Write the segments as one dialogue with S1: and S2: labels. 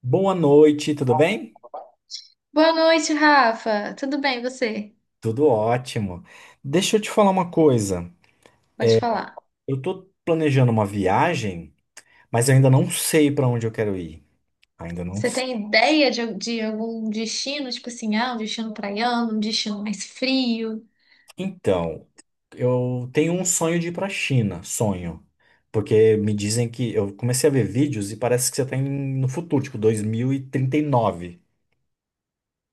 S1: Boa noite, tudo bem?
S2: Boa noite, Rafa. Tudo bem, e você?
S1: Tudo ótimo. Deixa eu te falar uma coisa.
S2: Pode falar.
S1: Eu tô planejando uma viagem, mas eu ainda não sei para onde eu quero ir. Ainda não
S2: Você
S1: sei.
S2: tem ideia de algum destino, tipo assim, um destino praiano, um destino mais frio?
S1: Então, eu tenho um sonho de ir para a China, sonho. Porque me dizem que eu comecei a ver vídeos e parece que você tá no futuro, tipo 2039.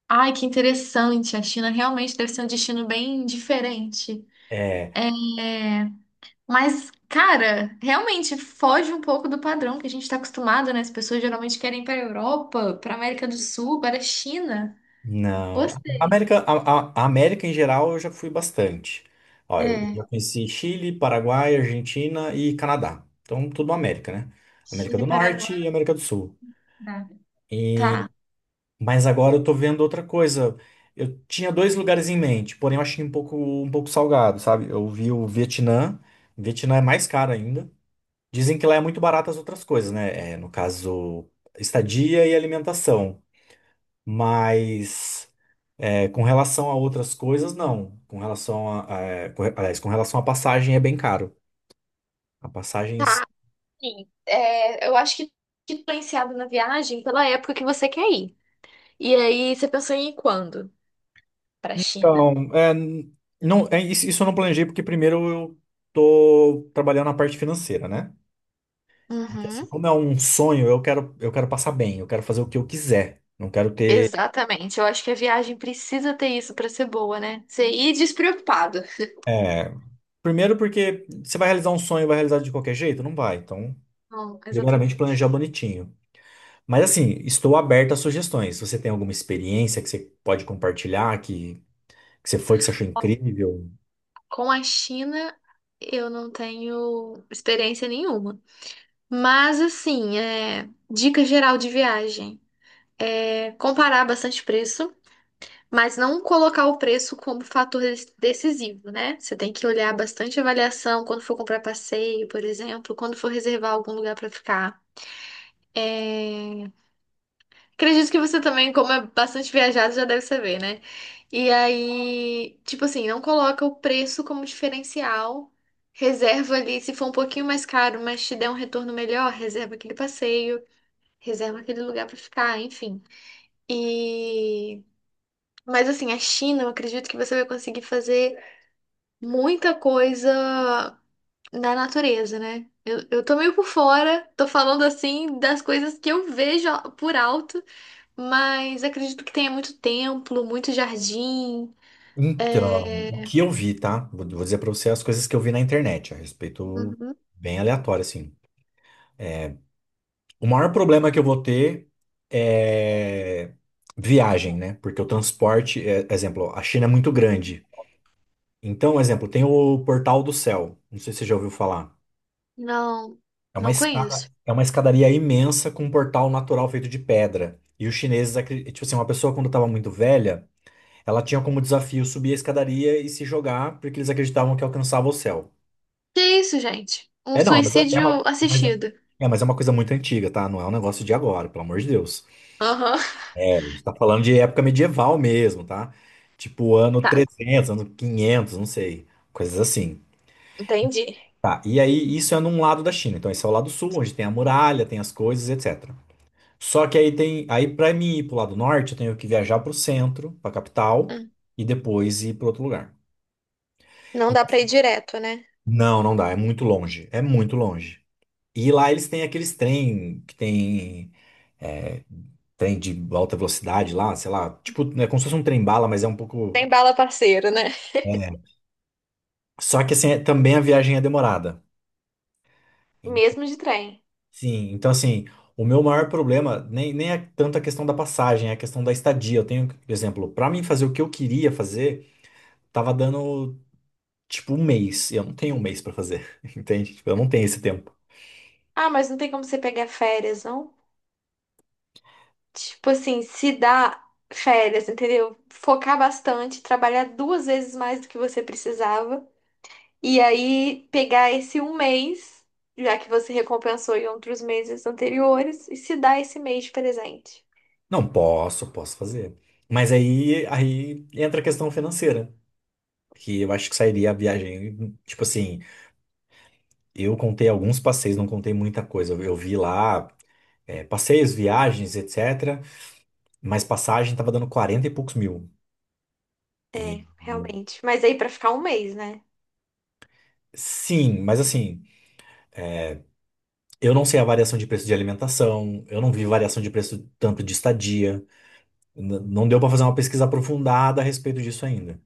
S2: Ai, que interessante. A China realmente deve ser um destino bem diferente. Mas, cara, realmente foge um pouco do padrão que a gente está acostumado, né? As pessoas geralmente querem ir para a Europa, para a América do Sul, para a China.
S1: Não. A
S2: Gostei.
S1: América, a América em geral eu já fui bastante. Ó, eu já
S2: É,
S1: conheci Chile, Paraguai, Argentina e Canadá. Então, tudo América, né? América
S2: Chile,
S1: do Norte e
S2: Paraguai.
S1: América do Sul. E,
S2: Tá.
S1: mas agora eu tô vendo outra coisa. Eu tinha dois lugares em mente, porém eu achei um pouco salgado, sabe? Eu vi o Vietnã. Vietnã é mais caro ainda. Dizem que lá é muito barato as outras coisas, né? É, no caso, estadia e alimentação. Mas. É, com relação a outras coisas, não. Com relação à passagem é bem caro. A passagem em si.
S2: Tá. Sim, é, eu acho que fica influenciado na viagem pela época que você quer ir. E aí você pensou em ir quando? Para China.
S1: Então, não, isso eu não planejei porque primeiro eu tô trabalhando na parte financeira, né? Porque assim,
S2: Uhum.
S1: como é um sonho, eu quero passar bem, eu quero fazer o que eu quiser. Não quero ter.
S2: Exatamente, eu acho que a viagem precisa ter isso para ser boa, né? Você ir despreocupado.
S1: é, Primeiro porque você vai realizar um sonho, vai realizar de qualquer jeito? Não vai. Então,
S2: Não,
S1: primeiramente
S2: exatamente.
S1: planejar bonitinho. Mas assim, estou aberto a sugestões. Se você tem alguma experiência que você pode compartilhar, que você foi, que você achou incrível?
S2: Com a China, eu não tenho experiência nenhuma. Mas, assim, dica geral de viagem é comparar bastante preço. Mas não colocar o preço como fator decisivo, né? Você tem que olhar bastante a avaliação quando for comprar passeio, por exemplo, quando for reservar algum lugar para ficar. É, acredito que você também, como é bastante viajado, já deve saber, né? E aí, tipo assim, não coloca o preço como diferencial. Reserva ali, se for um pouquinho mais caro, mas te der um retorno melhor, reserva aquele passeio, reserva aquele lugar para ficar, enfim. E mas assim, a China, eu acredito que você vai conseguir fazer muita coisa na natureza, né? Eu tô meio por fora, tô falando assim das coisas que eu vejo por alto, mas acredito que tenha muito templo, muito jardim.
S1: Então, o
S2: É,
S1: que eu vi, tá? Vou dizer pra você as coisas que eu vi na internet a respeito,
S2: uhum.
S1: bem aleatório, assim. O maior problema que eu vou ter é viagem, né? Porque o transporte, exemplo, a China é muito grande. Então, exemplo, tem o Portal do Céu. Não sei se você já ouviu falar.
S2: Não,
S1: É uma
S2: não
S1: escada,
S2: conheço.
S1: É uma escadaria imensa com um portal natural feito de pedra. E os chineses, tipo assim, uma pessoa quando estava muito velha. Ela tinha como desafio subir a escadaria e se jogar, porque eles acreditavam que alcançava o céu.
S2: Que isso, gente? Um
S1: É, não, mas é é uma,
S2: suicídio
S1: mas é,
S2: assistido.
S1: é, mas é uma coisa muito antiga, tá? Não é um negócio de agora, pelo amor de Deus.
S2: Aham.
S1: É, a gente tá falando de época medieval mesmo, tá? Tipo ano
S2: Tá.
S1: 300, ano 500, não sei. Coisas assim.
S2: Entendi.
S1: Tá, e aí isso é num lado da China. Então esse é o lado sul, onde tem a muralha, tem as coisas, etc. Só que aí para mim ir pro lado norte, eu tenho que viajar pro centro, pra capital
S2: Hum.
S1: e depois ir pro outro lugar.
S2: Não dá pra
S1: Então,
S2: ir direto, né?
S1: não, não dá, é muito longe, é muito longe. E lá eles têm aqueles trem que tem é, trem de alta velocidade lá, sei lá, tipo, é como se fosse um trem-bala, mas é um pouco.
S2: Tem bala parceiro, né?
S1: É. Só que assim, também a viagem é demorada. En-
S2: Mesmo de trem.
S1: Sim, então assim, o meu maior problema nem é tanto a questão da passagem, é a questão da estadia. Eu tenho, por exemplo, pra mim fazer o que eu queria fazer, tava dando tipo um mês. E eu não tenho um mês pra fazer, entende? Tipo, eu não tenho esse tempo.
S2: Ah, mas não tem como você pegar férias, não? Tipo assim, se dá férias, entendeu? Focar bastante, trabalhar duas vezes mais do que você precisava. E aí pegar esse um mês, já que você recompensou em outros meses anteriores, e se dar esse mês de presente.
S1: Não, posso fazer. Mas aí entra a questão financeira, que eu acho que sairia a viagem. Tipo assim, eu contei alguns passeios, não contei muita coisa. Eu vi lá, passeios, viagens, etc. Mas passagem tava dando 40 e poucos mil. E
S2: É, realmente. Mas aí pra ficar um mês, né?
S1: sim, mas assim, eu não sei a variação de preço de alimentação, eu não vi variação de preço tanto de estadia. Não deu pra fazer uma pesquisa aprofundada a respeito disso ainda.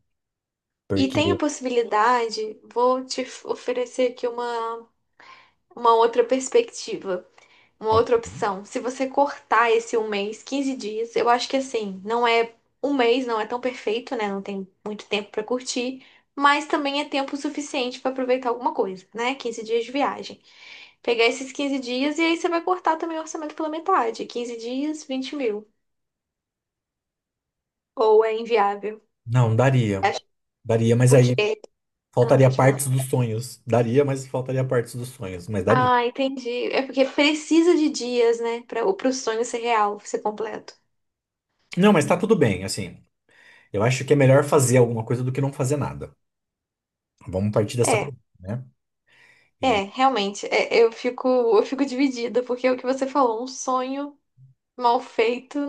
S2: E tem a
S1: Porque.
S2: possibilidade, oferecer aqui uma outra perspectiva. Uma
S1: Ok.
S2: outra opção, se você cortar esse um mês, 15 dias, eu acho que assim, não é um mês, não é tão perfeito, né? Não tem muito tempo pra curtir, mas também é tempo suficiente pra aproveitar alguma coisa, né? 15 dias de viagem. Pegar esses 15 dias e aí você vai cortar também o orçamento pela metade. 15 dias, 20 mil. Ou é inviável.
S1: Não, daria.
S2: Acho-
S1: Daria, mas aí.
S2: porque. Ah,
S1: Faltaria
S2: pode falar.
S1: partes dos sonhos. Daria, mas faltaria partes dos sonhos. Mas daria.
S2: Ah, entendi. É porque precisa de dias, né? Para o sonho ser real, ser completo.
S1: Não, mas tá tudo bem, assim. Eu acho que é melhor fazer alguma coisa do que não fazer nada. Vamos partir dessa
S2: É.
S1: premissa, né?
S2: É, realmente, é, eu fico dividida, porque é o que você falou, um sonho mal feito,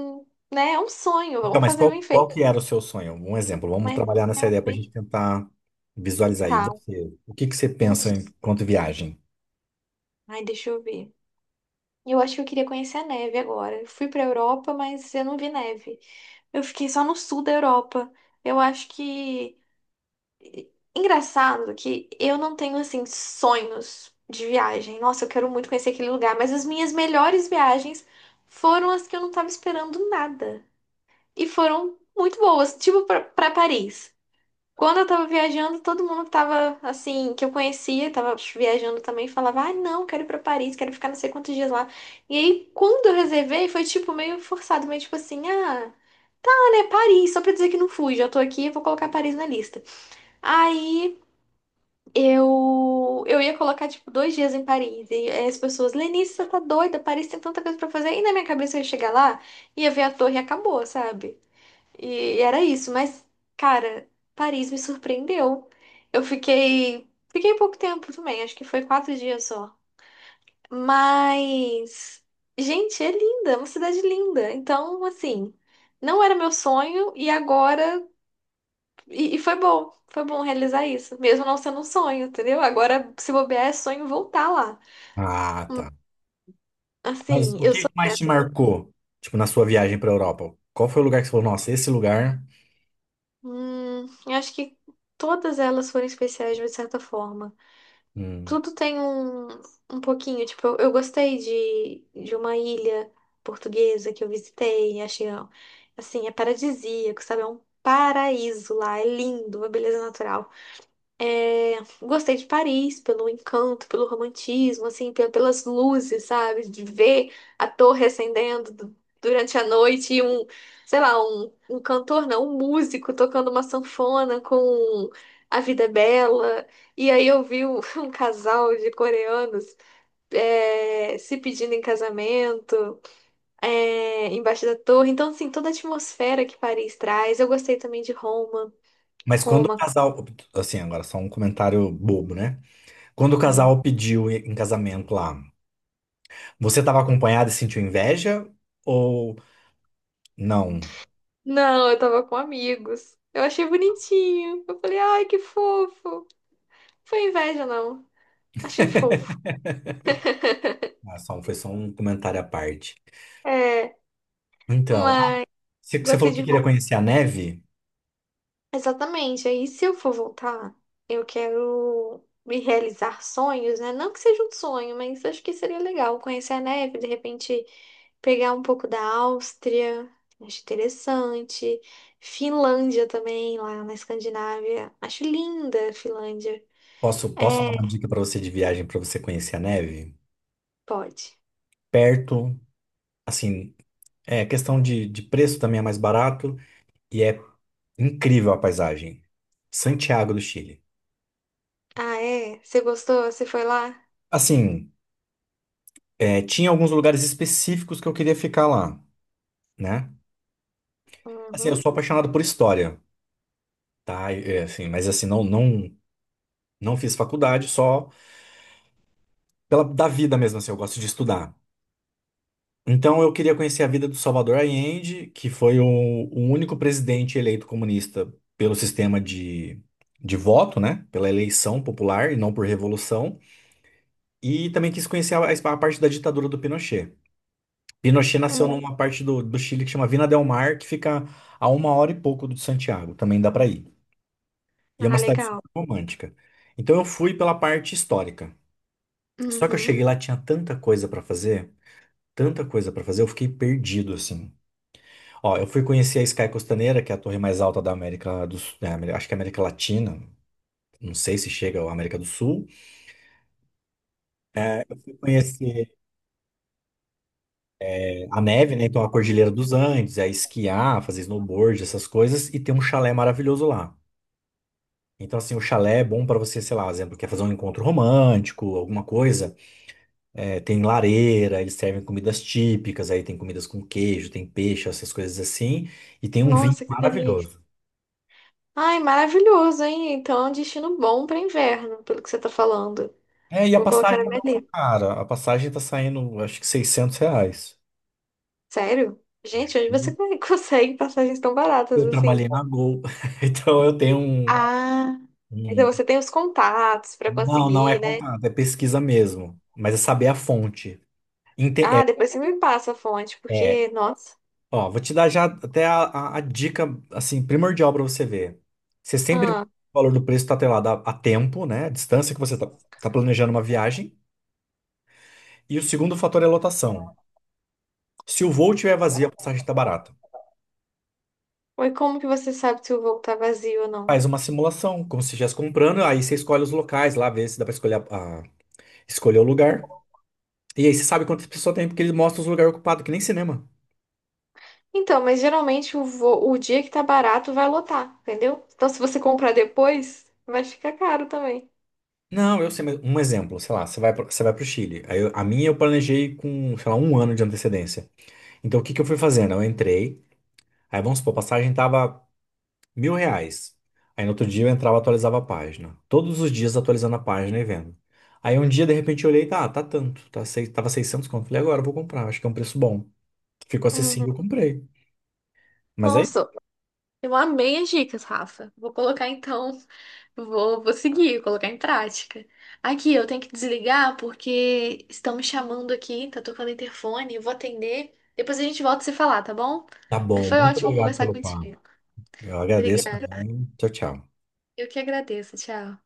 S2: né? É um sonho,
S1: Então,
S2: vamos
S1: mas
S2: fazer
S1: qual,
S2: bem
S1: qual
S2: feito.
S1: que era o seu sonho? Um exemplo. Vamos
S2: Mas
S1: trabalhar nessa ideia pra gente
S2: realmente
S1: tentar visualizar aí.
S2: tá.
S1: Você, o que que você
S2: Um...
S1: pensa
S2: s-
S1: enquanto viagem?
S2: Ai, deixa eu ver. Eu acho que eu queria conhecer a neve agora. Eu fui pra Europa, mas eu não vi neve. Eu fiquei só no sul da Europa. Eu acho que. Engraçado que eu não tenho, assim, sonhos de viagem. Nossa, eu quero muito conhecer aquele lugar, mas as minhas melhores viagens foram as que eu não tava esperando nada. E foram muito boas, tipo pra Paris. Quando eu tava viajando, todo mundo que tava assim, que eu conhecia, tava viajando também, falava: "Ah, não, quero ir pra Paris, quero ficar não sei quantos dias lá". E aí, quando eu reservei, foi tipo meio forçado, meio tipo assim: "Ah, ah, né, Paris, só pra dizer que não fui, já tô aqui, vou colocar Paris na lista". Aí eu ia colocar tipo 2 dias em Paris e aí as pessoas: "Lenice, você tá doida? Paris tem tanta coisa pra fazer". E na minha cabeça eu ia chegar lá, ia ver a torre e acabou, sabe? E era isso, mas, cara, Paris me surpreendeu. Eu fiquei. Fiquei pouco tempo também, acho que foi 4 dias só. Mas. Gente, é linda, é uma cidade linda. Então, assim, não era meu sonho e agora. E foi bom realizar isso, mesmo não sendo um sonho, entendeu? Agora, se bobear, é sonho voltar lá.
S1: Ah, tá. Mas
S2: Assim,
S1: o
S2: eu
S1: que
S2: sou
S1: mais te
S2: quieta.
S1: marcou, tipo, na sua viagem pra Europa? Qual foi o lugar que você falou, nossa, esse lugar...
S2: Eu acho que todas elas foram especiais de certa forma.
S1: Hum.
S2: Tudo tem um, um pouquinho, tipo, eu gostei de uma ilha portuguesa que eu visitei, achei, ó, assim, é paradisíaco, sabe? É um paraíso lá, é lindo, uma beleza natural. É, gostei de Paris pelo encanto, pelo romantismo, assim, pelas luzes, sabe? De ver a torre acendendo durante a noite e um, sei lá, um cantor, não, um músico tocando uma sanfona com A Vida é Bela. E aí eu vi um, um casal de coreanos, é, se pedindo em casamento, é, embaixo da torre. Então, assim, toda a atmosfera que Paris traz. Eu gostei também de Roma.
S1: Mas quando o
S2: Roma.
S1: casal... Assim, agora só um comentário bobo, né? Quando o casal pediu em casamento lá, você estava acompanhada e sentiu inveja? Ou não?
S2: Não, eu tava com amigos. Eu achei bonitinho. Eu falei, ai, que fofo. Foi inveja, não. Achei fofo.
S1: Ah, foi só um comentário à parte.
S2: É,
S1: Então,
S2: mas
S1: você
S2: gostei
S1: falou que
S2: de
S1: queria
S2: Roma.
S1: conhecer a neve?
S2: Exatamente. Aí, se eu for voltar, eu quero me realizar sonhos, né? Não que seja um sonho, mas acho que seria legal conhecer a neve, de repente pegar um pouco da Áustria. Acho interessante. Finlândia também, lá na Escandinávia. Acho linda a Finlândia.
S1: Posso dar uma
S2: É,
S1: dica para você de viagem para você conhecer a neve?
S2: pode.
S1: Perto, assim, é questão de preço também é mais barato e é incrível a paisagem. Santiago do Chile.
S2: Ah, é? Você gostou? Você foi lá?
S1: Assim, tinha alguns lugares específicos que eu queria ficar lá, né? Assim, eu
S2: Uhum.
S1: sou apaixonado por história. Tá, assim, mas assim, não, não, não fiz faculdade, só pela da vida mesmo, assim, eu gosto de estudar. Então eu queria conhecer a vida do Salvador Allende, que foi o único presidente eleito comunista pelo sistema de voto, né? Pela eleição popular e não por revolução. E também quis conhecer a parte da ditadura do Pinochet. Pinochet nasceu numa parte do Chile que chama Vina del Mar, que fica a uma hora e pouco de Santiago, também dá para ir. E é uma
S2: Ah,
S1: cidade super
S2: legal.
S1: romântica. Então eu fui pela parte histórica. Só que eu cheguei
S2: Uhum.
S1: lá, tinha tanta coisa pra fazer, tanta coisa pra fazer, eu fiquei perdido, assim. Ó, eu fui conhecer a Sky Costaneira, que é a torre mais alta da América do Sul, acho que é América Latina, não sei se chega à América do Sul. Fui conhecer a neve, né? Então a Cordilheira dos Andes, é esquiar, fazer snowboard, essas coisas, e tem um chalé maravilhoso lá. Então, assim, o chalé é bom pra você, sei lá, exemplo, quer fazer um encontro romântico, alguma coisa. É, tem lareira, eles servem comidas típicas, aí tem comidas com queijo, tem peixe, essas coisas assim, e tem um vinho
S2: Nossa, que delícia.
S1: maravilhoso.
S2: Ai, maravilhoso, hein? Então é um destino bom para inverno, pelo que você tá falando.
S1: É, e a
S2: Vou colocar na
S1: passagem
S2: minha
S1: não tá
S2: lista.
S1: cara, a passagem tá saindo, acho que R$ 600.
S2: Sério? Gente, onde você consegue passagens tão baratas
S1: Eu
S2: assim?
S1: trabalhei na Gol, então eu tenho um,
S2: Ah, então
S1: um-
S2: você tem os contatos para
S1: Não, não é
S2: conseguir, né?
S1: contato, é pesquisa mesmo, mas é saber a fonte. Ente- É,
S2: Ah, depois você me passa a fonte,
S1: é,
S2: porque, nossa.
S1: Ó, vou te dar já até a dica, assim, primordial para você ver. O
S2: Ah,
S1: valor do preço está atrelado a tempo, né? A distância que você está planejando uma viagem. E o segundo fator é a lotação. Se o voo tiver vazio, a passagem está barata.
S2: e como que você sabe se o voo tá vazio ou não?
S1: Faz uma simulação, como se estivesse comprando, aí você escolhe os locais lá, vê se dá para escolher, escolher o lugar. E aí você sabe quantas pessoas tem, porque ele mostra os lugares ocupados, que nem cinema.
S2: Então, mas geralmente o dia que tá barato vai lotar, entendeu? Então, se você comprar depois, vai ficar caro também.
S1: Não, eu sei, mas um exemplo, sei lá, você vai para o Chile. Aí a minha eu planejei com, sei lá, um ano de antecedência. Então, o que que eu fui fazendo? Eu entrei, aí vamos supor, a passagem tava R$ 1.000. Aí no outro dia eu entrava e atualizava a página. Todos os dias atualizando a página e vendo. Aí um dia, de repente, eu olhei, tava 600 conto. Falei, agora eu vou comprar, acho que é um preço bom. Ficou
S2: Uhum.
S1: acessível, eu comprei. Mas aí,
S2: Nossa, eu amei as dicas, Rafa. Vou colocar então, vou, vou seguir, colocar em prática. Aqui, eu tenho que desligar porque estão me chamando aqui, tá tocando interfone, eu vou atender. Depois a gente volta a se falar, tá bom?
S1: tá
S2: Mas
S1: bom,
S2: foi
S1: muito
S2: ótimo
S1: obrigado
S2: conversar
S1: pelo papo.
S2: contigo.
S1: Eu agradeço
S2: Obrigada.
S1: também. Tchau, tchau.
S2: Eu que agradeço, tchau.